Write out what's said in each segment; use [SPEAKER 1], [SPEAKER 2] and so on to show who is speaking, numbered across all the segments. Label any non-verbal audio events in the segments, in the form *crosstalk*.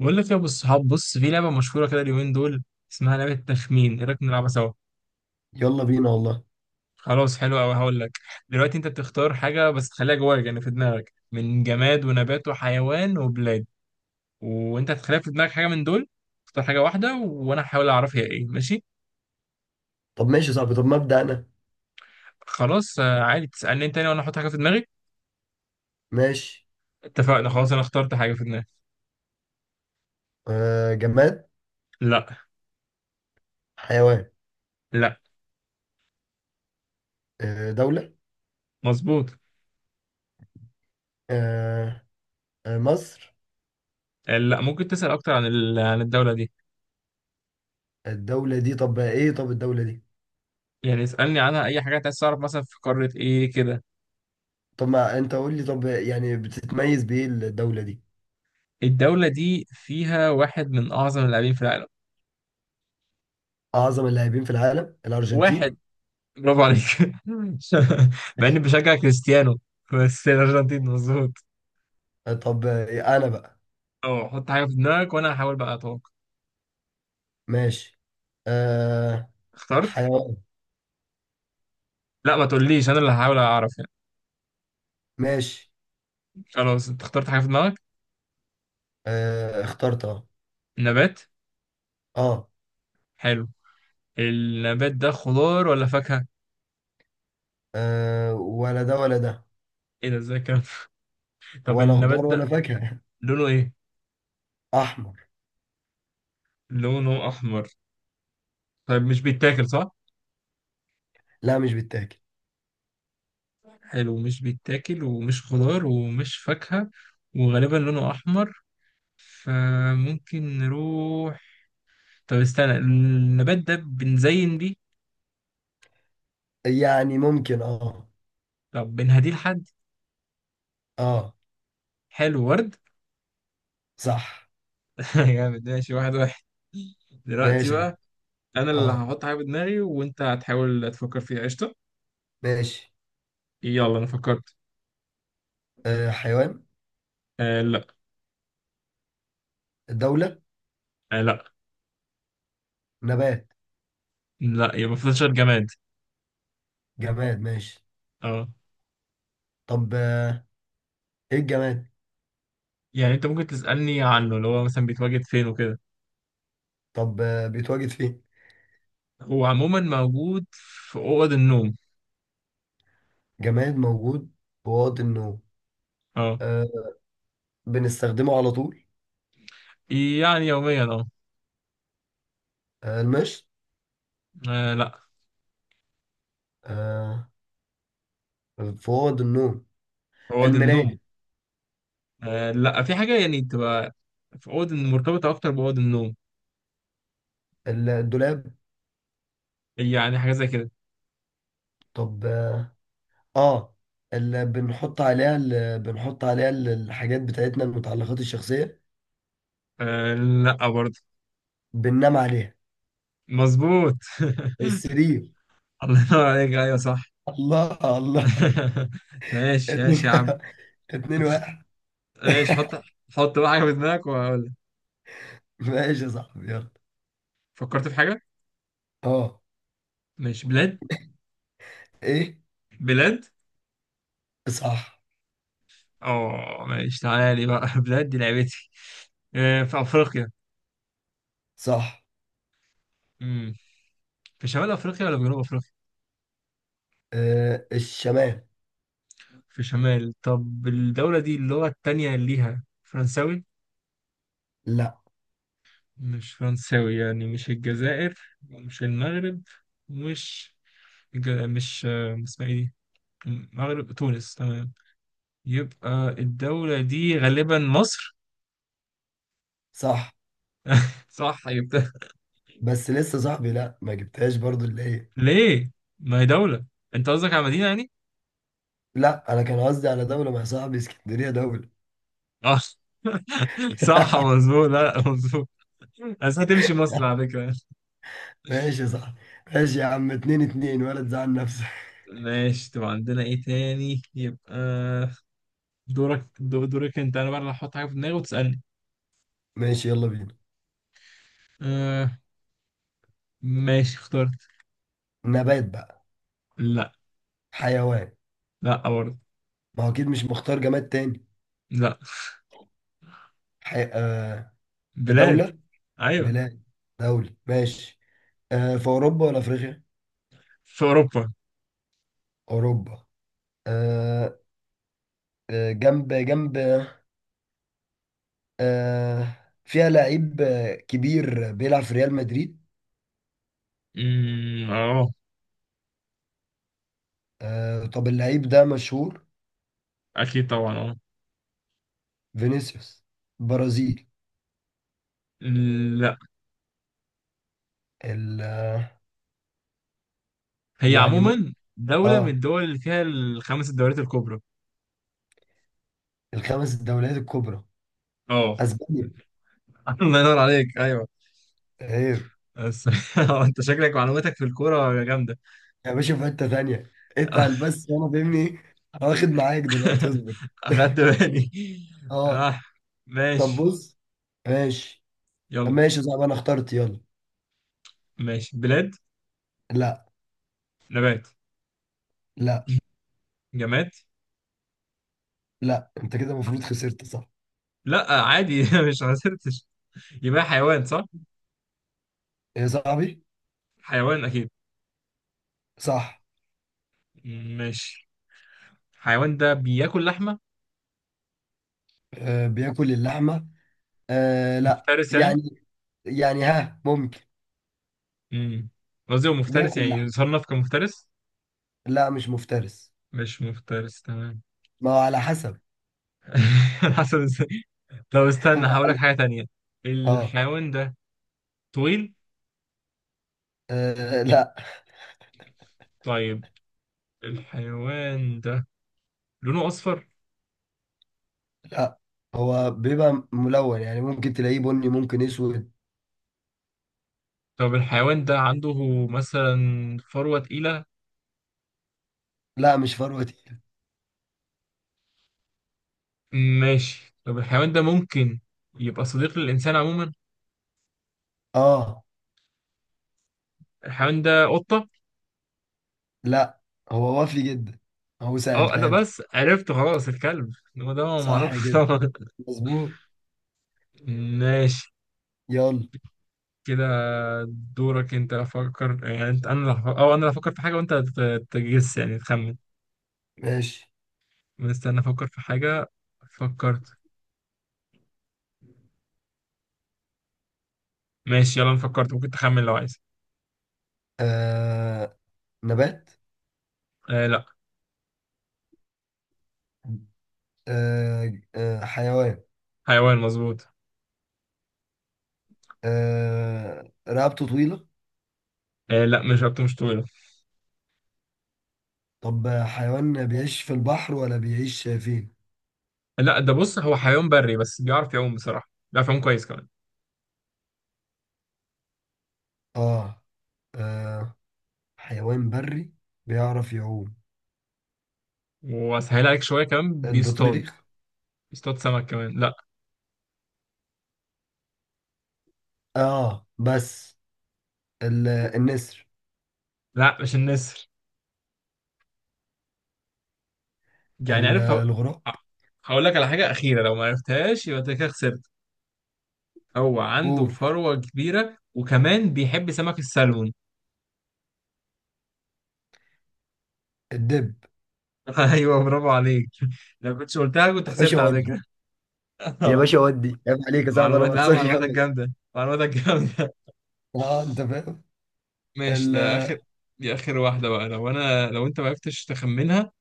[SPEAKER 1] بقول لك يا ابو الصحاب، بص في لعبه مشهوره كده اليومين دول. اسمها لعبه تخمين، ايه رايك نلعبها سوا؟
[SPEAKER 2] يلا بينا والله.
[SPEAKER 1] خلاص حلو قوي هقول لك. دلوقتي انت بتختار حاجه بس تخليها جواك، يعني في دماغك، من جماد ونبات وحيوان وبلاد، وانت هتخليها في دماغك حاجه من دول. اختار حاجه واحده وانا هحاول اعرف هي ايه، ماشي؟
[SPEAKER 2] طب ماشي يا صاحبي، طب مبدأ أنا.
[SPEAKER 1] خلاص آه، عادي تسالني انت تاني وانا احط حاجه في دماغي.
[SPEAKER 2] ماشي.
[SPEAKER 1] اتفقنا خلاص، انا اخترت حاجه في دماغي.
[SPEAKER 2] آه، جماد.
[SPEAKER 1] لا.
[SPEAKER 2] حيوان.
[SPEAKER 1] لا.
[SPEAKER 2] آه، دولة.
[SPEAKER 1] مظبوط.
[SPEAKER 2] آه. آه، مصر.
[SPEAKER 1] آه، لا. ممكن تسال اكتر عن عن الدوله دي.
[SPEAKER 2] الدولة دي طب إيه طب الدولة دي؟
[SPEAKER 1] يعني اسالني عنها اي حاجه انت عايز تعرف، مثلا في قاره ايه كده.
[SPEAKER 2] طب ما أنت قول لي، طب يعني بتتميز بإيه الدولة دي؟
[SPEAKER 1] الدولة دي فيها واحد من أعظم اللاعبين في العالم.
[SPEAKER 2] أعظم اللاعبين في العالم، الأرجنتين.
[SPEAKER 1] واحد. برافو عليك. *laughs* مع
[SPEAKER 2] بس.
[SPEAKER 1] إني بشجع كريستيانو. بس الأرجنتين مظبوط.
[SPEAKER 2] آه، طب أنا بقى.
[SPEAKER 1] أه، حط حاجة في دماغك وأنا هحاول بقى أتوقع.
[SPEAKER 2] ماشي. آه،
[SPEAKER 1] اخترت؟
[SPEAKER 2] حيوان.
[SPEAKER 1] لا ما تقوليش، أنا اللي هحاول أعرف يعني.
[SPEAKER 2] ماشي.
[SPEAKER 1] خلاص أنت اخترت حاجة في دماغك.
[SPEAKER 2] آه، اخترت أه.
[SPEAKER 1] نبات.
[SPEAKER 2] أه.
[SPEAKER 1] حلو. النبات ده خضار ولا فاكهة؟
[SPEAKER 2] آه، ولا ده ولا ده.
[SPEAKER 1] إيه ده إزاي كده؟ *laughs* طب
[SPEAKER 2] ولا
[SPEAKER 1] النبات
[SPEAKER 2] خضار ولا
[SPEAKER 1] ده
[SPEAKER 2] فاكهة.
[SPEAKER 1] لونه إيه؟
[SPEAKER 2] *laughs* أحمر.
[SPEAKER 1] لونه أحمر. طيب مش بيتاكل صح؟
[SPEAKER 2] لا، مش بالتاكل.
[SPEAKER 1] حلو، مش بيتاكل ومش خضار ومش فاكهة، وغالبا لونه أحمر. فممكن نروح. طب استنى، النبات ده بنزين بيه؟
[SPEAKER 2] يعني ممكن اه.
[SPEAKER 1] طب بنهديه لحد؟
[SPEAKER 2] اه.
[SPEAKER 1] حلو، ورد.
[SPEAKER 2] صح.
[SPEAKER 1] *laughs* جامد. ماشي، واحد واحد. دلوقتي
[SPEAKER 2] ماشي.
[SPEAKER 1] بقى انا اللي
[SPEAKER 2] اه.
[SPEAKER 1] هحط حاجه في دماغي وانت هتحاول تفكر فيها، قشطه.
[SPEAKER 2] ماشي.
[SPEAKER 1] يلا انا فكرت.
[SPEAKER 2] آه، حيوان.
[SPEAKER 1] آه لا.
[SPEAKER 2] دولة.
[SPEAKER 1] آه لا.
[SPEAKER 2] نبات.
[SPEAKER 1] لا، يبقى فضل شهر جماد.
[SPEAKER 2] جماد ماشي.
[SPEAKER 1] اه.
[SPEAKER 2] طب آه، ايه الجماد؟
[SPEAKER 1] يعني انت ممكن تسالني عنه، اللي هو مثلا بيتواجد فين وكده.
[SPEAKER 2] طب بيتواجد فين؟
[SPEAKER 1] هو عموما موجود في اوض النوم.
[SPEAKER 2] جماد موجود في اوض النوم.
[SPEAKER 1] اه.
[SPEAKER 2] آه. بنستخدمه على طول.
[SPEAKER 1] يعني يوميا اه.
[SPEAKER 2] آه، المشط.
[SPEAKER 1] آه، لا.
[SPEAKER 2] آه. في اوض النوم.
[SPEAKER 1] اوض النوم.
[SPEAKER 2] المراية.
[SPEAKER 1] آه لا، في حاجة يعني تبقى في أوضة مرتبطة أكتر بأوضة النوم.
[SPEAKER 2] الدولاب.
[SPEAKER 1] يعني حاجة زي كده.
[SPEAKER 2] طب اه، آه، اللي بنحط عليها الحاجات بتاعتنا، المتعلقات الشخصية.
[SPEAKER 1] آه لا برضه.
[SPEAKER 2] بننام عليها.
[SPEAKER 1] مظبوط.
[SPEAKER 2] السرير.
[SPEAKER 1] *laughs* الله ينور عليك، أيوه صح.
[SPEAKER 2] الله الله.
[SPEAKER 1] *laughs* ماشي ماشي
[SPEAKER 2] اتنين.
[SPEAKER 1] يا عم.
[SPEAKER 2] *laughs* 2-1.
[SPEAKER 1] ماشي
[SPEAKER 2] *laughs*
[SPEAKER 1] حط. حط بقى حاجة في دماغك وأقول لك.
[SPEAKER 2] ماشي يا صاحبي، يلا.
[SPEAKER 1] فكرت في حاجة.
[SPEAKER 2] اه.
[SPEAKER 1] ماشي، بلاد.
[SPEAKER 2] ايه.
[SPEAKER 1] بلاد.
[SPEAKER 2] صح.
[SPEAKER 1] اه ماشي، تعالى لي بقى. *laughs* بلاد دي لعبتي. آه، في أفريقيا.
[SPEAKER 2] صح.
[SPEAKER 1] مم. في شمال أفريقيا ولا في جنوب أفريقيا؟
[SPEAKER 2] آه، الشمال.
[SPEAKER 1] في شمال. طب الدولة دي اللغة التانية ليها فرنساوي؟
[SPEAKER 2] لا.
[SPEAKER 1] مش فرنساوي، يعني مش الجزائر. مش المغرب. مش مش، اسمها ايه دي؟ المغرب، تونس. تمام، يبقى الدولة دي غالبا مصر.
[SPEAKER 2] صح.
[SPEAKER 1] صح يبقى.
[SPEAKER 2] بس لسه صاحبي، لا ما جبتهاش برضو اللي هي.
[SPEAKER 1] *laughs* ليه؟ ما هي دولة. انت قصدك على مدينة يعني؟
[SPEAKER 2] لا، انا كان قصدي على دولة، مع صاحبي اسكندرية دولة.
[SPEAKER 1] اه. *laughs* صح
[SPEAKER 2] *laughs*
[SPEAKER 1] مظبوط. لا لا، مظبوط. بس هتمشي مصر على فكرة.
[SPEAKER 2] ماشي يا صاحبي. ماشي يا عم، 2-2، ولا تزعل نفسك.
[SPEAKER 1] ماشي، طب عندنا ايه تاني يبقى. دورك دورك انت. انا بقى اللي هحط حاجة في دماغي وتسألني.
[SPEAKER 2] ماشي، يلا بينا.
[SPEAKER 1] آه. ماشي اخترت.
[SPEAKER 2] نبات بقى.
[SPEAKER 1] لا.
[SPEAKER 2] حيوان.
[SPEAKER 1] لا برضه.
[SPEAKER 2] ما هو اكيد مش مختار جماد تاني.
[SPEAKER 1] لا.
[SPEAKER 2] آه.
[SPEAKER 1] بلاد.
[SPEAKER 2] دولة.
[SPEAKER 1] ايوه.
[SPEAKER 2] بلاد. دولة ماشي. آه، في اوروبا ولا افريقيا؟
[SPEAKER 1] في اوروبا.
[SPEAKER 2] اوروبا. آه. آه، جنب جنب. آه. فيها لعيب كبير بيلعب في ريال مدريد.
[SPEAKER 1] اه.
[SPEAKER 2] آه، طب اللعيب ده مشهور؟
[SPEAKER 1] اكيد طبعا اه.
[SPEAKER 2] فينيسيوس. برازيل.
[SPEAKER 1] لا،
[SPEAKER 2] ال-
[SPEAKER 1] هي
[SPEAKER 2] يعني ممكن.
[SPEAKER 1] عموما دولة من
[SPEAKER 2] اه.
[SPEAKER 1] الدول اللي فيها الخمس الدوريات الكبرى.
[SPEAKER 2] الخمس الدوريات الكبرى.
[SPEAKER 1] اه.
[SPEAKER 2] اسبانيا.
[SPEAKER 1] *laughs* الله ينور عليك، ايوه.
[SPEAKER 2] ايه.
[SPEAKER 1] بس *laughs* انت شكلك معلوماتك في الكورة جامدة.
[SPEAKER 2] يا باشا، في حته ثانيه
[SPEAKER 1] *laughs*
[SPEAKER 2] اتقل بس، وانا فاهمني. واخد معاك دلوقتي، اصبر.
[SPEAKER 1] اخدت بالي.
[SPEAKER 2] اه.
[SPEAKER 1] اه.
[SPEAKER 2] طب
[SPEAKER 1] ماشي.
[SPEAKER 2] بص. ماشي.
[SPEAKER 1] يلا.
[SPEAKER 2] ماشي صعب، انا اخترت، يلا.
[SPEAKER 1] ماشي، بلاد.
[SPEAKER 2] لا.
[SPEAKER 1] نبات.
[SPEAKER 2] لا.
[SPEAKER 1] جماد.
[SPEAKER 2] لا، انت كده المفروض خسرت، صح؟
[SPEAKER 1] لا عادي، *laughs* مش خسرتش. يبقى حيوان صح؟
[SPEAKER 2] يا صاحبي.
[SPEAKER 1] حيوان اكيد.
[SPEAKER 2] صح.
[SPEAKER 1] ماشي. الحيوان ده بياكل لحمة؟
[SPEAKER 2] آه، بياكل اللحمة. آه لا،
[SPEAKER 1] مفترس يعني؟
[SPEAKER 2] يعني. يعني ها، ممكن.
[SPEAKER 1] امم قصدي هو مفترس
[SPEAKER 2] بياكل
[SPEAKER 1] يعني،
[SPEAKER 2] لحمة.
[SPEAKER 1] يصنف كمفترس.
[SPEAKER 2] لا، مش مفترس.
[SPEAKER 1] مش مفترس تمام.
[SPEAKER 2] ما هو على حسب.
[SPEAKER 1] *laughs* على حسب ازاي؟ *laughs* طب
[SPEAKER 2] *laughs*
[SPEAKER 1] استنى،
[SPEAKER 2] ما هو
[SPEAKER 1] هقول لك
[SPEAKER 2] على-
[SPEAKER 1] حاجة تانية.
[SPEAKER 2] اه.
[SPEAKER 1] الحيوان ده طويل؟
[SPEAKER 2] آه، لا.
[SPEAKER 1] طيب. الحيوان ده لونه أصفر؟
[SPEAKER 2] لا، هو بيبقى ملون، يعني ممكن تلاقيه بني، ممكن اسود.
[SPEAKER 1] طب الحيوان ده عنده مثلا فروة تقيلة؟
[SPEAKER 2] لا، مش فروة تقيلة.
[SPEAKER 1] ماشي، طب الحيوان ده ممكن يبقى صديق للإنسان عموما؟
[SPEAKER 2] اه.
[SPEAKER 1] الحيوان ده قطة؟
[SPEAKER 2] لا، هو وافي جدا. هو
[SPEAKER 1] اه لا،
[SPEAKER 2] سألتها لك.
[SPEAKER 1] بس عرفت خلاص، الكلب. هو ده
[SPEAKER 2] صح
[SPEAKER 1] معروف *laughs*
[SPEAKER 2] كده.
[SPEAKER 1] طبعا.
[SPEAKER 2] مظبوط.
[SPEAKER 1] ماشي
[SPEAKER 2] يلا.
[SPEAKER 1] كده. دورك انت افكر، يعني انت انا اللي او انا اللي افكر في حاجه وانت تجس يعني تخمن.
[SPEAKER 2] ماشي.
[SPEAKER 1] مستني افكر في حاجه. فكرت. ماشي يلا، انا فكرت، ممكن تخمن لو عايز.
[SPEAKER 2] آه، نبات.
[SPEAKER 1] آه لا.
[SPEAKER 2] آه، حيوان.
[SPEAKER 1] حيوان مظبوط.
[SPEAKER 2] آه، رقبته طويلة.
[SPEAKER 1] آه لا، مش رقبته، مش طويله.
[SPEAKER 2] طب حيوان بيعيش في البحر ولا بيعيش فين؟
[SPEAKER 1] لا، ده بص هو حيوان بري بس بيعرف يعوم بصراحه، بيعرف يعوم كويس كمان.
[SPEAKER 2] آه، آه. حيوان بري. بيعرف يعوم.
[SPEAKER 1] واسهل عليك شويه كمان، بيصطاد.
[SPEAKER 2] البطريق.
[SPEAKER 1] بيصطاد سمك كمان، لا.
[SPEAKER 2] آه بس. النسر.
[SPEAKER 1] لا مش النسر. يعني عارف
[SPEAKER 2] الغراب.
[SPEAKER 1] هقول لك على حاجه اخيره، لو ما عرفتهاش يبقى انت كده خسرت. هو عنده
[SPEAKER 2] قول.
[SPEAKER 1] فروة كبيرة وكمان بيحب سمك السلمون.
[SPEAKER 2] الدب.
[SPEAKER 1] *laughs* ايوه برافو عليك. لو كنتش قلتها كنت
[SPEAKER 2] يا باشا
[SPEAKER 1] خسرت على
[SPEAKER 2] ودي
[SPEAKER 1] فكرة.
[SPEAKER 2] يا
[SPEAKER 1] *laughs*
[SPEAKER 2] باشا ودي عيب عليك يا صاحبي، أنا
[SPEAKER 1] معلومات
[SPEAKER 2] ما
[SPEAKER 1] لا،
[SPEAKER 2] بخسرش
[SPEAKER 1] معلوماتك
[SPEAKER 2] أبدا.
[SPEAKER 1] جامدة، معلوماتك جامدة.
[SPEAKER 2] آه أنت فاهم.
[SPEAKER 1] ماشي،
[SPEAKER 2] ال
[SPEAKER 1] ده اخر. دي اخر واحدة بقى، لو انا لو انت ما عرفتش تخمنها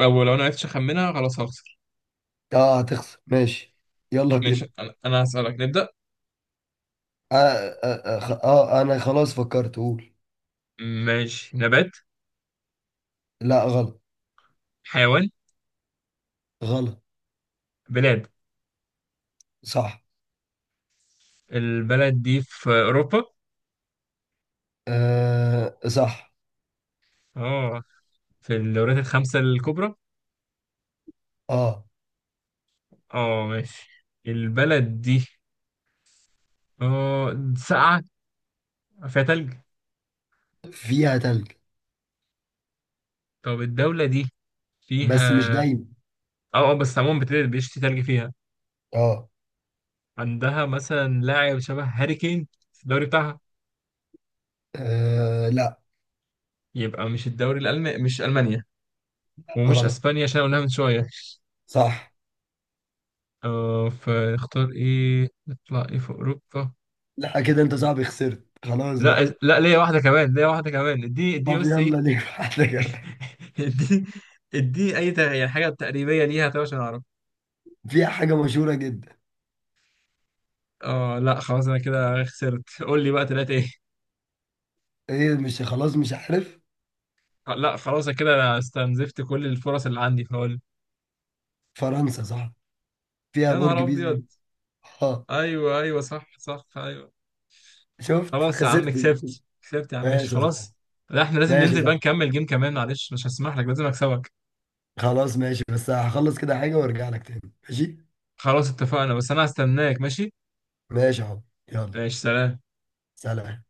[SPEAKER 1] او لو انا عرفتش اخمنها خلاص هخسر.
[SPEAKER 2] آه، هتخسر ماشي. يلا
[SPEAKER 1] ماشي،
[SPEAKER 2] بينا.
[SPEAKER 1] انا هسألك، نبدأ.
[SPEAKER 2] آه, أنا خلاص فكرت، قول.
[SPEAKER 1] ماشي، نبات.
[SPEAKER 2] لا، غلط.
[SPEAKER 1] حيوان.
[SPEAKER 2] غلط.
[SPEAKER 1] بلاد.
[SPEAKER 2] صح.
[SPEAKER 1] البلد دي في اوروبا.
[SPEAKER 2] آه، صح.
[SPEAKER 1] اه. في الدوريات الخمسة الكبرى.
[SPEAKER 2] اه.
[SPEAKER 1] اه ماشي. البلد دي اه ساقعة، فيها تلج.
[SPEAKER 2] فيها تلج.
[SPEAKER 1] طب الدولة دي
[SPEAKER 2] بس مش
[SPEAKER 1] فيها
[SPEAKER 2] دايما.
[SPEAKER 1] اه اه بس عموما بيشتي تلج فيها.
[SPEAKER 2] اه.
[SPEAKER 1] عندها مثلا لاعب شبه هاري كين في الدوري بتاعها.
[SPEAKER 2] آه، لا.
[SPEAKER 1] يبقى مش الدوري الألماني، مش ألمانيا. ومش
[SPEAKER 2] غلط.
[SPEAKER 1] أسبانيا عشان قلناها من شوية.
[SPEAKER 2] صح.
[SPEAKER 1] اه، فاختار ايه، نطلع ايه في أوروبا.
[SPEAKER 2] لا، كده انت صاحبي خسرت خلاص
[SPEAKER 1] لا
[SPEAKER 2] بقى.
[SPEAKER 1] لا، ليا واحدة كمان، ليا واحدة كمان، اديني اديني
[SPEAKER 2] طب
[SPEAKER 1] بس ايه.
[SPEAKER 2] يلا، ليه واحدة كمان.
[SPEAKER 1] *laughs* اديني. اديني أي يعني حاجة تقريبية ليها طيب عشان أعرف.
[SPEAKER 2] *laughs* فيها حاجة مشهورة جدا.
[SPEAKER 1] اه لا خلاص، أنا كده خسرت، قول لي بقى تلاتة ايه.
[SPEAKER 2] ايه، مش خلاص مش عارف.
[SPEAKER 1] آه، لا خلاص كده انا استنزفت كل الفرص اللي عندي، فقول.
[SPEAKER 2] فرنسا صح. فيها
[SPEAKER 1] يا نهار
[SPEAKER 2] برج بيزا.
[SPEAKER 1] ابيض.
[SPEAKER 2] اه.
[SPEAKER 1] ايوه ايوه، صح صح، ايوه.
[SPEAKER 2] شفت
[SPEAKER 1] خلاص يا عم،
[SPEAKER 2] خسرت ده.
[SPEAKER 1] كسبت كسبت يا عم، ماشي
[SPEAKER 2] ماشي يا صاحبي.
[SPEAKER 1] خلاص. لا احنا لازم
[SPEAKER 2] ماشي يا
[SPEAKER 1] ننزل بقى
[SPEAKER 2] صاحبي.
[SPEAKER 1] نكمل جيم كمان، معلش مش هسمح لك، لازم اكسبك.
[SPEAKER 2] خلاص ماشي، بس هخلص كده حاجة وارجع لك تاني. ماشي.
[SPEAKER 1] خلاص اتفقنا، بس انا هستناك ماشي.
[SPEAKER 2] ماشي يا حب. يلا.
[SPEAKER 1] ماشي، سلام.
[SPEAKER 2] سلام.